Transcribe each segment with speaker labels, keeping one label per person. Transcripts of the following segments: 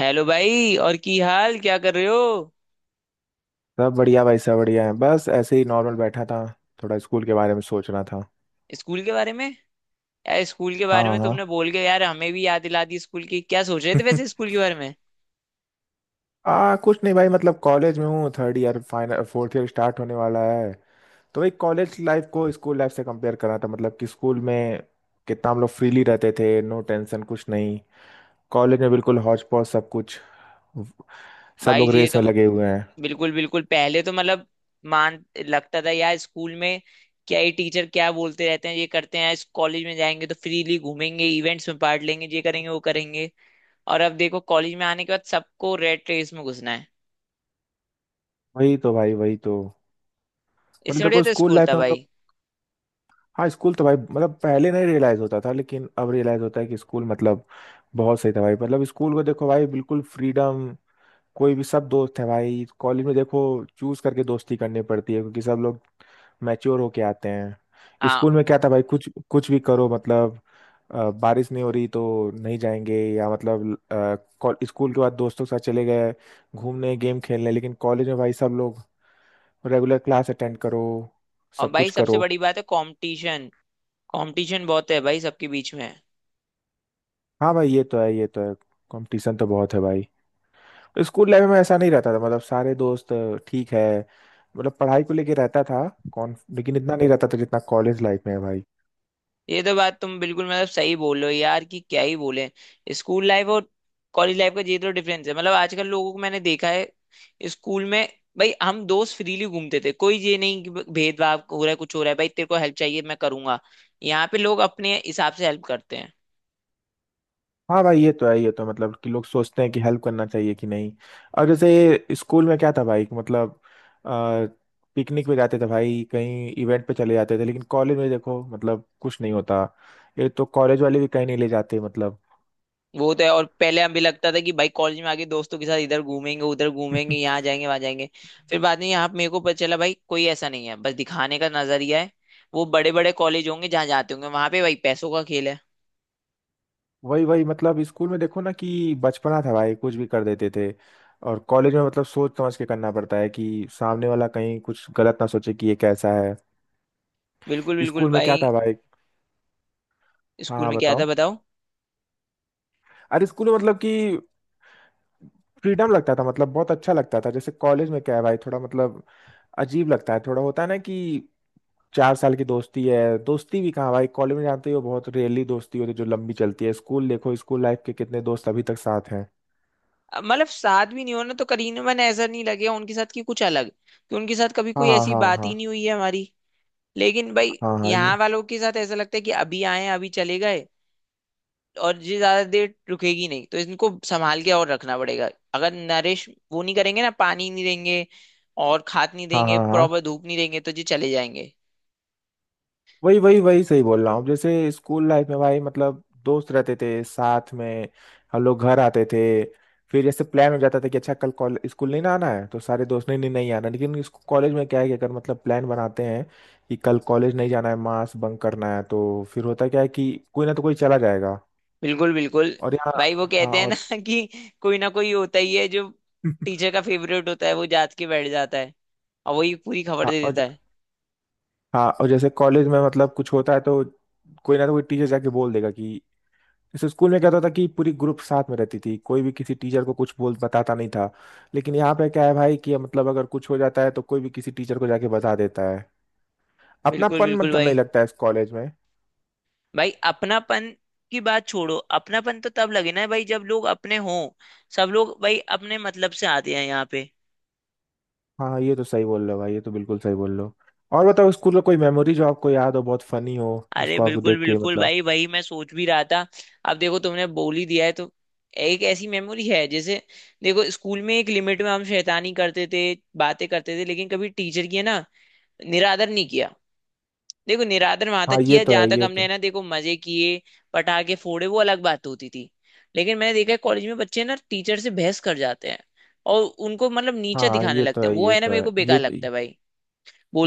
Speaker 1: Hello भाई। और की हाल क्या कर रहे हो।
Speaker 2: सब बढ़िया भाई, सब बढ़िया है। बस ऐसे ही नॉर्मल बैठा था। थोड़ा स्कूल के बारे में सोच रहा था।
Speaker 1: स्कूल के बारे में। यार स्कूल के
Speaker 2: हाँ
Speaker 1: बारे में
Speaker 2: हाँ।
Speaker 1: तुमने बोल के यार हमें भी याद दिला दी स्कूल की। क्या सोच रहे थे वैसे स्कूल के बारे में।
Speaker 2: आ कुछ नहीं भाई, मतलब कॉलेज में हूँ, third year final, fourth year start होने वाला है। तो भाई कॉलेज लाइफ को स्कूल लाइफ से कंपेयर कर रहा था, मतलब कि स्कूल में कितना हम लोग फ्रीली रहते थे। नो टेंशन, कुछ नहीं। कॉलेज में बिल्कुल हौच पौच सब कुछ। सब
Speaker 1: भाई
Speaker 2: लोग
Speaker 1: ये
Speaker 2: रेस
Speaker 1: तो।
Speaker 2: में लगे हुए हैं।
Speaker 1: बिल्कुल बिल्कुल। पहले तो मतलब मान लगता था यार स्कूल में क्या ये टीचर क्या बोलते रहते हैं ये करते हैं। इस कॉलेज में जाएंगे तो फ्रीली घूमेंगे, इवेंट्स में पार्ट लेंगे, ये करेंगे, वो करेंगे। और अब देखो कॉलेज में आने के बाद सबको रेट रेस में घुसना है।
Speaker 2: वही तो भाई, वही तो। मतलब
Speaker 1: इससे बढ़िया
Speaker 2: देखो,
Speaker 1: तो
Speaker 2: स्कूल
Speaker 1: स्कूल
Speaker 2: लाइफ
Speaker 1: था
Speaker 2: में हम लोग,
Speaker 1: भाई।
Speaker 2: हाँ स्कूल तो भाई, मतलब पहले नहीं रियलाइज होता था, लेकिन अब रियलाइज होता है कि स्कूल मतलब बहुत सही था भाई। मतलब स्कूल को देखो भाई, बिल्कुल फ्रीडम। कोई भी, सब दोस्त है भाई। कॉलेज में देखो, चूज करके दोस्ती करनी पड़ती है क्योंकि सब लोग मैच्योर होके आते हैं।
Speaker 1: हाँ।
Speaker 2: स्कूल में क्या था भाई, कुछ कुछ भी करो मतलब। बारिश नहीं हो रही तो नहीं जाएंगे, या मतलब स्कूल के बाद दोस्तों के साथ चले गए घूमने, गेम खेलने। लेकिन कॉलेज में भाई सब लोग रेगुलर क्लास अटेंड करो,
Speaker 1: और
Speaker 2: सब
Speaker 1: भाई
Speaker 2: कुछ
Speaker 1: सबसे
Speaker 2: करो।
Speaker 1: बड़ी बात है कंपटीशन। कंपटीशन बहुत है भाई सबके बीच में।
Speaker 2: हाँ भाई ये तो है, ये तो है। कंपटीशन तो बहुत है भाई। स्कूल लाइफ में ऐसा नहीं रहता था, मतलब सारे दोस्त ठीक है, मतलब पढ़ाई को लेके रहता था कौन, लेकिन इतना नहीं रहता था जितना कॉलेज लाइफ में है भाई।
Speaker 1: ये तो बात तुम बिल्कुल मतलब सही बोल रहे हो यार, कि क्या ही बोले। स्कूल लाइफ और कॉलेज लाइफ का ये तो डिफरेंस है। मतलब आजकल लोगों को मैंने देखा है। स्कूल में भाई हम दोस्त फ्रीली घूमते थे, कोई ये नहीं कि भेदभाव हो रहा है कुछ हो रहा है। भाई तेरे को हेल्प चाहिए मैं करूंगा। यहाँ पे लोग अपने हिसाब से हेल्प करते हैं।
Speaker 2: हाँ भाई ये तो है, ये तो है, मतलब कि लोग सोचते हैं कि हेल्प करना चाहिए कि नहीं। और जैसे स्कूल में क्या था भाई कि मतलब पिकनिक पे जाते थे भाई, कहीं इवेंट पे चले जाते थे। लेकिन कॉलेज में देखो, मतलब कुछ नहीं होता। ये तो कॉलेज वाले भी कहीं नहीं ले जाते मतलब।
Speaker 1: वो तो है। और पहले हमें लगता था कि भाई कॉलेज में आके दोस्तों के साथ इधर घूमेंगे उधर घूमेंगे यहाँ जाएंगे वहां जाएंगे। फिर बाद में यहाँ मेरे को पता चला भाई कोई ऐसा नहीं है, बस दिखाने का नजरिया है। वो बड़े बड़े कॉलेज होंगे जहाँ जाते होंगे वहां पे भाई पैसों का खेल है।
Speaker 2: वही वही, मतलब स्कूल में देखो ना कि बचपना था भाई, कुछ भी कर देते थे। और कॉलेज में मतलब सोच समझ के करना पड़ता है कि सामने वाला कहीं कुछ गलत ना सोचे कि ये कैसा है।
Speaker 1: बिल्कुल बिल्कुल
Speaker 2: स्कूल में क्या
Speaker 1: भाई।
Speaker 2: था भाई। हाँ
Speaker 1: स्कूल
Speaker 2: हाँ,
Speaker 1: में क्या
Speaker 2: बताओ।
Speaker 1: था बताओ।
Speaker 2: अरे स्कूल में मतलब कि फ्रीडम लगता था, मतलब बहुत अच्छा लगता था। जैसे कॉलेज में क्या है भाई, थोड़ा मतलब अजीब लगता है। थोड़ा होता है ना कि 4 साल की दोस्ती है। दोस्ती भी कहाँ भाई, कॉलेज में जानते हो बहुत रेयरली दोस्ती होती है जो लंबी चलती है। स्कूल देखो, स्कूल लाइफ के कितने दोस्त अभी तक साथ हैं।
Speaker 1: अब मतलब साथ भी नहीं हो ना तो करीना मैंने ऐसा नहीं लगे उनके साथ कि कुछ अलग, कि उनके साथ कभी
Speaker 2: हाँ
Speaker 1: कोई ऐसी
Speaker 2: हाँ
Speaker 1: बात
Speaker 2: हाँ।
Speaker 1: ही नहीं हुई है हमारी। लेकिन भाई,
Speaker 2: हाँ हाँ हाँ ये
Speaker 1: यहाँ वालों के साथ ऐसा लगता है कि अभी आए हैं, अभी चले गए। और ये ज्यादा देर रुकेगी नहीं तो इनको संभाल के और रखना पड़ेगा। अगर नरिश वो नहीं करेंगे, ना पानी नहीं देंगे और खाद नहीं
Speaker 2: हाँ
Speaker 1: देंगे,
Speaker 2: हाँ
Speaker 1: प्रॉपर
Speaker 2: हाँ।
Speaker 1: धूप नहीं देंगे, तो ये चले जाएंगे।
Speaker 2: वही वही वही सही बोल रहा हूँ। जैसे स्कूल लाइफ में भाई, मतलब दोस्त रहते थे साथ में। हम लोग घर आते थे, फिर जैसे प्लान हो जाता था कि अच्छा कल कॉलेज स्कूल नहीं ना आना है, तो सारे दोस्त ने नहीं, नहीं आना। लेकिन कॉलेज में क्या है कि अगर मतलब प्लान बनाते हैं कि कल कॉलेज नहीं जाना है, मास बंक करना है, तो फिर होता क्या है कि कोई ना तो कोई चला जाएगा।
Speaker 1: बिल्कुल बिल्कुल
Speaker 2: और यहाँ,
Speaker 1: भाई। वो
Speaker 2: हाँ
Speaker 1: कहते हैं ना
Speaker 2: और।
Speaker 1: कि कोई ना कोई होता ही है जो टीचर का फेवरेट होता है, वो जात के बैठ जाता है और वही पूरी खबर
Speaker 2: हाँ
Speaker 1: दे देता
Speaker 2: और।
Speaker 1: है।
Speaker 2: हाँ और जैसे कॉलेज में मतलब कुछ होता है तो कोई ना तो कोई टीचर जाके बोल देगा कि, जैसे स्कूल में क्या होता था कि पूरी ग्रुप साथ में रहती थी, कोई भी किसी टीचर को कुछ बोल बताता नहीं था। लेकिन यहाँ पे क्या है भाई, कि मतलब अगर कुछ हो जाता है तो कोई भी किसी टीचर को जाके बता देता है।
Speaker 1: बिल्कुल
Speaker 2: अपनापन
Speaker 1: बिल्कुल
Speaker 2: मतलब नहीं
Speaker 1: भाई।
Speaker 2: लगता है इस कॉलेज में।
Speaker 1: भाई अपनापन की बात छोड़ो, अपनापन तो तब लगे ना भाई जब लोग अपने हों। सब लोग भाई अपने मतलब से आते हैं यहाँ पे।
Speaker 2: हाँ ये तो सही बोल रहे हो भाई, ये तो बिल्कुल सही बोल रहे हो। और बताओ, स्कूल का कोई मेमोरी जो आपको याद हो, बहुत फनी हो,
Speaker 1: अरे
Speaker 2: जिसको आपको
Speaker 1: बिल्कुल
Speaker 2: देख के
Speaker 1: बिल्कुल
Speaker 2: मतलब।
Speaker 1: भाई, वही मैं सोच भी रहा था। अब देखो तुमने बोल ही दिया है तो एक ऐसी मेमोरी है। जैसे देखो स्कूल में एक लिमिट में हम शैतानी करते थे, बातें करते थे, लेकिन कभी टीचर की है ना निरादर नहीं किया। देखो निरादर वहां
Speaker 2: हाँ
Speaker 1: तक
Speaker 2: ये
Speaker 1: किया
Speaker 2: तो
Speaker 1: जहां
Speaker 2: है,
Speaker 1: तक
Speaker 2: ये
Speaker 1: हमने
Speaker 2: तो।
Speaker 1: है ना, देखो मजे किए, पटाखे फोड़े, वो अलग बात होती थी। लेकिन मैंने देखा है कॉलेज में बच्चे ना टीचर से बहस कर जाते हैं और उनको मतलब नीचा
Speaker 2: हाँ
Speaker 1: दिखाने
Speaker 2: ये तो
Speaker 1: लगते हैं।
Speaker 2: है,
Speaker 1: वो
Speaker 2: ये
Speaker 1: है ना,
Speaker 2: तो
Speaker 1: मेरे
Speaker 2: है,
Speaker 1: को
Speaker 2: ये
Speaker 1: बेकार
Speaker 2: तो।
Speaker 1: लगता है भाई।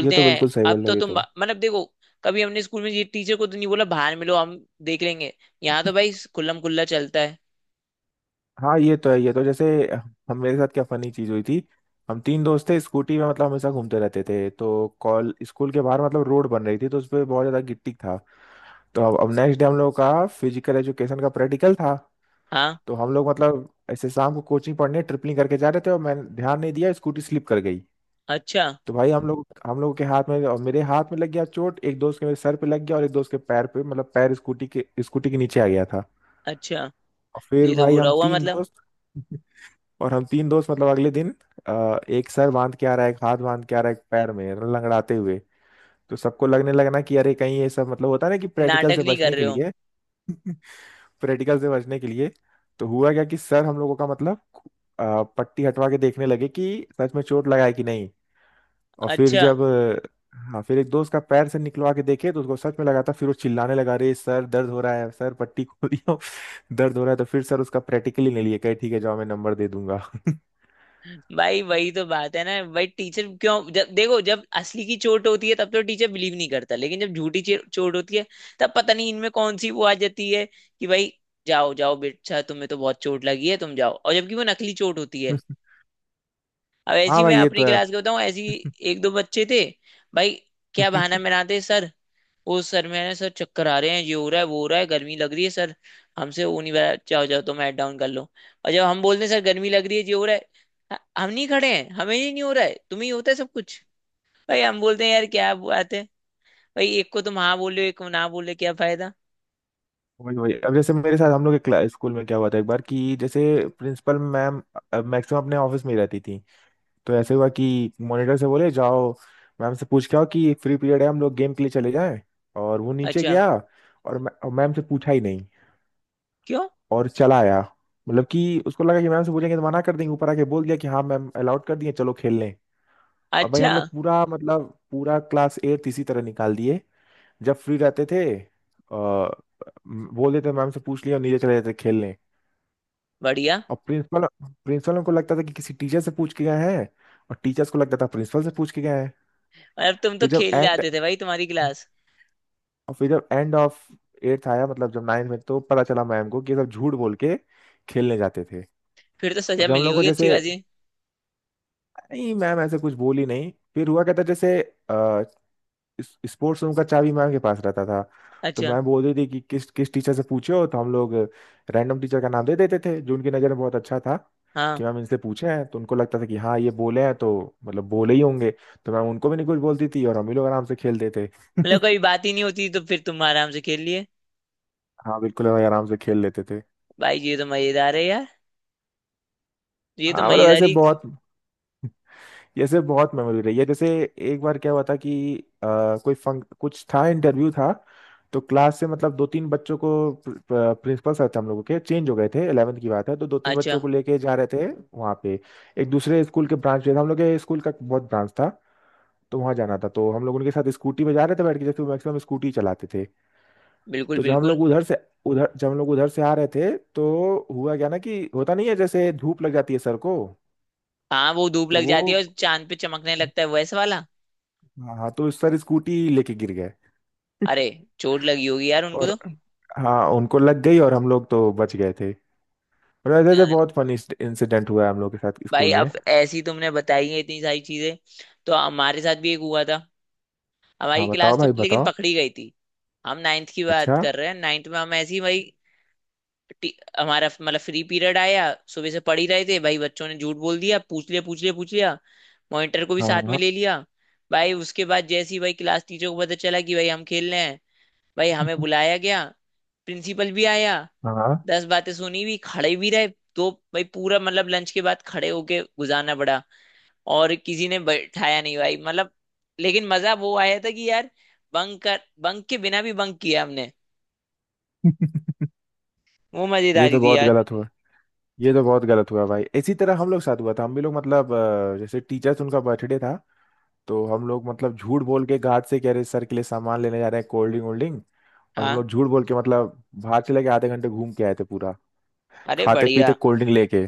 Speaker 2: ये तो
Speaker 1: हैं
Speaker 2: बिल्कुल सही बोल
Speaker 1: अब
Speaker 2: रहे
Speaker 1: तो
Speaker 2: हो, ये
Speaker 1: तुम
Speaker 2: तो।
Speaker 1: मतलब देखो, कभी हमने स्कूल में ये टीचर को तो नहीं बोला बाहर मिलो हम देख लेंगे। यहाँ तो भाई खुल्लम खुल्ला चलता है।
Speaker 2: हाँ ये तो है, ये तो। जैसे, हम मेरे साथ क्या फनी चीज हुई थी। हम तीन दोस्त थे, स्कूटी में मतलब हमेशा घूमते रहते थे। तो कॉल स्कूल के बाहर मतलब रोड बन रही थी, तो उस पर बहुत ज्यादा गिट्टी था। तो अब नेक्स्ट डे हम लोगों का फिजिकल एजुकेशन का प्रैक्टिकल था।
Speaker 1: हाँ।
Speaker 2: तो हम लोग मतलब ऐसे शाम को कोचिंग पढ़ने ट्रिपलिंग करके जा रहे थे, और मैंने ध्यान नहीं दिया, स्कूटी स्लिप कर गई।
Speaker 1: अच्छा।
Speaker 2: तो भाई हम लोगों के हाथ में और मेरे हाथ में लग गया चोट। एक दोस्त के मेरे सर पे लग गया और एक दोस्त के पैर पे, मतलब पैर स्कूटी के नीचे आ गया था।
Speaker 1: अच्छा।
Speaker 2: और फिर
Speaker 1: ये तो
Speaker 2: भाई
Speaker 1: बुरा
Speaker 2: हम
Speaker 1: हुआ
Speaker 2: तीन
Speaker 1: मतलब।
Speaker 2: दोस्त, और हम तीन दोस्त मतलब अगले दिन एक सर बांध के आ रहा है, एक हाथ बांध के आ रहा है, एक पैर में मतलब लंगड़ाते हुए। तो सबको लगने लगना कि अरे कहीं ये सब मतलब होता है ना कि प्रैक्टिकल
Speaker 1: नाटक
Speaker 2: से
Speaker 1: नहीं कर
Speaker 2: बचने के
Speaker 1: रहे हो।
Speaker 2: लिए। प्रैक्टिकल से बचने के लिए। तो हुआ क्या कि सर हम लोगों का मतलब पट्टी हटवा के देखने लगे कि सच में चोट लगा है कि नहीं। और फिर
Speaker 1: अच्छा।
Speaker 2: जब हाँ, फिर एक दोस्त का पैर से निकलवा के देखे तो उसको सच में लगा था। फिर वो चिल्लाने लगा, रे सर दर्द हो रहा है, सर पट्टी खोलियो। दर्द हो रहा है, तो फिर सर उसका प्रैक्टिकली नहीं लिए, कहे ठीक है जाओ, मैं नंबर दे दूंगा।
Speaker 1: भाई वही तो बात है ना भाई, टीचर क्यों जब देखो जब असली की चोट होती है तब तो टीचर बिलीव नहीं करता, लेकिन जब झूठी चोट होती है तब पता नहीं इनमें कौन सी वो आ जाती है कि भाई जाओ जाओ बेटा तुम्हें तो बहुत चोट लगी है तुम जाओ। और जबकि वो नकली चोट होती है। अब ऐसी
Speaker 2: हाँ
Speaker 1: मैं
Speaker 2: भाई ये तो
Speaker 1: अपनी
Speaker 2: है।
Speaker 1: क्लास के बताऊं। ऐसी एक दो बच्चे थे भाई, क्या बहाना बनाते। सर वो सर मैंने सर चक्कर आ रहे हैं, ये हो रहा है, वो हो रहा है, गर्मी लग रही है सर, हमसे वो नहीं बता। जाओ जाओ तो हेड डाउन कर लो। और जब हम बोलते हैं सर गर्मी लग रही है, ये हो रहा है, हम नहीं खड़े हैं, हमें ही नहीं हो रहा है, तुम्हें ही होता है सब कुछ। भाई हम बोलते हैं यार क्या बात है भाई, एक को तुम हाँ बोले, एक को ना बोले, क्या फायदा।
Speaker 2: वही वही। अब जैसे मेरे साथ हम लोग के स्कूल में क्या हुआ था एक बार कि, जैसे प्रिंसिपल मैम मैक्सिमम अपने ऑफिस में ही रहती थी। तो ऐसे हुआ कि मॉनिटर से बोले जाओ मैम से पूछ के आओ कि फ्री पीरियड है, हम लोग गेम के लिए चले जाएं। और वो नीचे
Speaker 1: अच्छा।
Speaker 2: गया, और और मैम से पूछा ही नहीं
Speaker 1: क्यों।
Speaker 2: और चला आया। मतलब कि उसको लगा कि मैम से पूछेंगे तो मना कर देंगे। ऊपर आके बोल दिया कि हाँ मैम अलाउड कर दिए, चलो खेल लें। और भाई
Speaker 1: अच्छा।
Speaker 2: हम लोग पूरा मतलब पूरा क्लास एट इसी तरह निकाल दिए, जब फ्री रहते थे। आ, बोल देते मैम से पूछ लिया, और नीचे चले जाते खेलने।
Speaker 1: बढ़िया।
Speaker 2: और प्रिंसिपल प्रिंसिपल को लगता था कि किसी टीचर से पूछ के गए हैं, और टीचर्स को लगता था प्रिंसिपल से पूछ के गए हैं।
Speaker 1: अब तुम तो
Speaker 2: फिर जब
Speaker 1: खेल
Speaker 2: एंड
Speaker 1: जाते थे भाई तुम्हारी क्लास।
Speaker 2: और फिर जब एंड ऑफ एट्थ आया, मतलब जब नाइन्थ में, तो पता चला मैम को कि ये सब झूठ बोल के खेलने जाते थे।
Speaker 1: फिर तो
Speaker 2: और
Speaker 1: सजा
Speaker 2: जब हम
Speaker 1: मिली
Speaker 2: लोग को
Speaker 1: होगी अच्छी
Speaker 2: जैसे,
Speaker 1: खासी।
Speaker 2: नहीं मैम ऐसे कुछ बोली नहीं। फिर हुआ क्या था, जैसे अ, स्पोर्ट्स रूम का चाबी मैम के पास रहता था। तो
Speaker 1: अच्छा।
Speaker 2: मैम बोल रही थी कि किस किस टीचर से पूछो, तो हम लोग रैंडम टीचर का नाम दे देते थे जो उनकी नज़र में बहुत अच्छा था
Speaker 1: हाँ।
Speaker 2: कि मैम इनसे पूछे हैं। तो उनको लगता था कि हाँ ये बोले हैं तो मतलब बोले ही होंगे। तो मैम उनको भी नहीं कुछ बोलती थी, और हम ही लोग आराम से खेलते थे।
Speaker 1: मतलब कोई बात ही नहीं होती तो फिर तुम आराम से खेल लिए।
Speaker 2: हाँ बिल्कुल, हम आराम से खेल लेते थे।
Speaker 1: भाई ये तो मजेदार है यार। ये तो
Speaker 2: हाँ मतलब ऐसे
Speaker 1: मजेदारी।
Speaker 2: बहुत, जैसे बहुत मेमोरी रही है। जैसे एक बार क्या हुआ था कि अ, कोई फंक कुछ था, इंटरव्यू था। तो क्लास से मतलब दो तीन बच्चों को, प्रिंसिपल सर थे हम लोगों के, चेंज हो गए थे, 11th की बात है, तो दो तीन
Speaker 1: अच्छा।
Speaker 2: बच्चों को लेके जा रहे थे वहाँ पे। एक दूसरे स्कूल के ब्रांच पे था, हम लोग के स्कूल का बहुत ब्रांच था। तो वहाँ जाना था, तो हम लोग उनके साथ स्कूटी पे जा रहे थे बैठ के, जैसे मैक्सिमम स्कूटी चलाते थे।
Speaker 1: बिल्कुल
Speaker 2: तो जब हम
Speaker 1: बिल्कुल।
Speaker 2: लोग उधर से उधर जब हम लोग उधर से आ रहे थे, तो हुआ क्या ना कि होता नहीं है, जैसे धूप लग जाती है सर को।
Speaker 1: हाँ, वो धूप
Speaker 2: तो
Speaker 1: लग
Speaker 2: वो,
Speaker 1: जाती है और चांद पे चमकने लगता है वैसा वाला।
Speaker 2: हाँ हाँ, तो सर स्कूटी लेके गिर गए।
Speaker 1: अरे, चोट लगी होगी यार उनको तो।
Speaker 2: और हाँ उनको लग गई, और हम लोग तो बच गए थे। और ऐसे ऐसे
Speaker 1: अ,
Speaker 2: बहुत फनी इंसिडेंट हुआ है हम लोग के साथ
Speaker 1: भाई
Speaker 2: स्कूल में।
Speaker 1: अब ऐसी तुमने बताई है इतनी सारी चीजें तो हमारे साथ भी एक हुआ था। हमारी
Speaker 2: हाँ बताओ
Speaker 1: क्लास तो
Speaker 2: भाई
Speaker 1: लेकिन
Speaker 2: बताओ।
Speaker 1: पकड़ी गई थी। हम नाइन्थ की
Speaker 2: अच्छा।
Speaker 1: बात कर रहे हैं, नाइन्थ में हम ऐसी भाई टी- हमारा मतलब फ्री पीरियड आया। सुबह से पढ़ ही रहे थे भाई, बच्चों ने झूठ बोल दिया, पूछ लिया पूछ लिया पूछ लिया, मॉनिटर को भी साथ में
Speaker 2: हाँ
Speaker 1: ले लिया। भाई उसके बाद जैसी भाई क्लास टीचर को पता चला कि भाई हम खेल रहे हैं। भाई हमें बुलाया गया, प्रिंसिपल भी आया,
Speaker 2: हाँ।
Speaker 1: दस बातें सुनी, भी खड़े भी रहे। तो भाई पूरा मतलब लंच के बाद खड़े होके गुजारना पड़ा और किसी ने बैठाया नहीं भाई मतलब। लेकिन मजा वो आया था कि यार बंक के बिना भी बंक किया हमने, वो
Speaker 2: ये
Speaker 1: मजेदारी
Speaker 2: तो
Speaker 1: थी
Speaker 2: बहुत
Speaker 1: यार।
Speaker 2: गलत हुआ। ये तो बहुत गलत हुआ भाई। इसी तरह हम लोग साथ हुआ था, हम भी लोग मतलब जैसे टीचर्स उनका बर्थडे था, तो हम लोग मतलब झूठ बोल के गार्ड से कह रहे सर के लिए सामान लेने जा रहे हैं, कोल्ड ड्रिंक वोल्ड ड्रिंक, और हम
Speaker 1: हाँ।
Speaker 2: लोग झूठ बोल के मतलब बाहर चले के आधे घंटे घूम के आए थे पूरा,
Speaker 1: अरे
Speaker 2: खाते पीते
Speaker 1: बढ़िया।
Speaker 2: कोल्ड ड्रिंक लेके।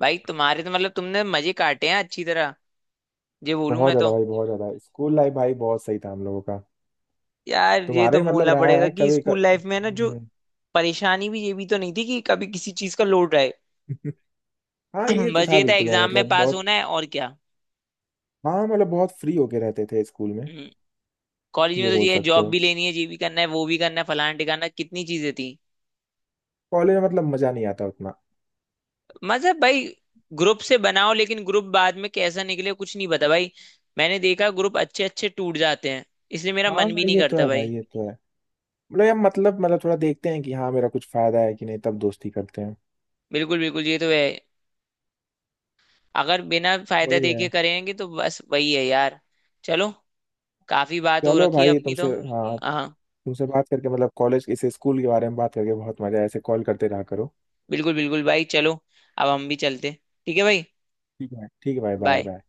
Speaker 1: भाई तुम्हारे तो मतलब तुमने मजे काटे हैं अच्छी तरह, ये बोलूं
Speaker 2: बहुत
Speaker 1: मैं
Speaker 2: ज्यादा
Speaker 1: तो।
Speaker 2: भाई, बहुत ज्यादा स्कूल लाइफ भाई, बहुत सही था हम लोगों का।
Speaker 1: यार ये तो
Speaker 2: तुम्हारे मतलब
Speaker 1: बोलना
Speaker 2: रहा
Speaker 1: पड़ेगा
Speaker 2: है
Speaker 1: कि
Speaker 2: कभी
Speaker 1: स्कूल
Speaker 2: कर...
Speaker 1: लाइफ में ना जो
Speaker 2: हम्म।
Speaker 1: परेशानी भी ये भी तो नहीं थी कि कभी किसी चीज का लोड रहे।
Speaker 2: हाँ ये तो
Speaker 1: बस
Speaker 2: था
Speaker 1: ये था
Speaker 2: बिल्कुल भाई,
Speaker 1: एग्जाम में
Speaker 2: मतलब
Speaker 1: पास
Speaker 2: बहुत।
Speaker 1: होना है और क्या।
Speaker 2: हाँ मतलब बहुत फ्री होके रहते थे स्कूल में।
Speaker 1: हम्म, कॉलेज में
Speaker 2: ये
Speaker 1: तो
Speaker 2: बोल
Speaker 1: ये है
Speaker 2: सकते
Speaker 1: जॉब
Speaker 2: हो,
Speaker 1: भी लेनी है, ये भी करना है, वो भी करना है, फलाना टिकाना कितनी चीजें थी।
Speaker 2: कॉलेज में मतलब मजा नहीं आता उतना।
Speaker 1: मतलब भाई ग्रुप से बनाओ लेकिन ग्रुप बाद में कैसा निकले कुछ नहीं पता भाई। मैंने देखा ग्रुप अच्छे अच्छे टूट जाते हैं। इसलिए मेरा
Speaker 2: हाँ
Speaker 1: मन
Speaker 2: हाँ,
Speaker 1: भी नहीं
Speaker 2: ये तो
Speaker 1: करता
Speaker 2: है भाई,
Speaker 1: भाई।
Speaker 2: ये तो है। मतलब यार, मतलब थोड़ा देखते हैं कि हाँ मेरा कुछ फायदा है कि नहीं, तब दोस्ती करते हैं।
Speaker 1: बिल्कुल बिल्कुल ये तो है। अगर बिना फायदा
Speaker 2: वही
Speaker 1: देखे
Speaker 2: है।
Speaker 1: करेंगे तो बस वही है यार। चलो, काफी बात हो
Speaker 2: चलो
Speaker 1: रखी है
Speaker 2: भाई,
Speaker 1: अपनी तो।
Speaker 2: तुमसे हाँ,
Speaker 1: हाँ।
Speaker 2: तुमसे बात करके मतलब कॉलेज इस स्कूल के बारे में बात करके बहुत मजा है, ऐसे कॉल करते रहा करो।
Speaker 1: बिल्कुल बिल्कुल भाई चलो, अब हम भी चलते। ठीक है भाई।
Speaker 2: ठीक है भाई, बाय
Speaker 1: बाय।
Speaker 2: बाय।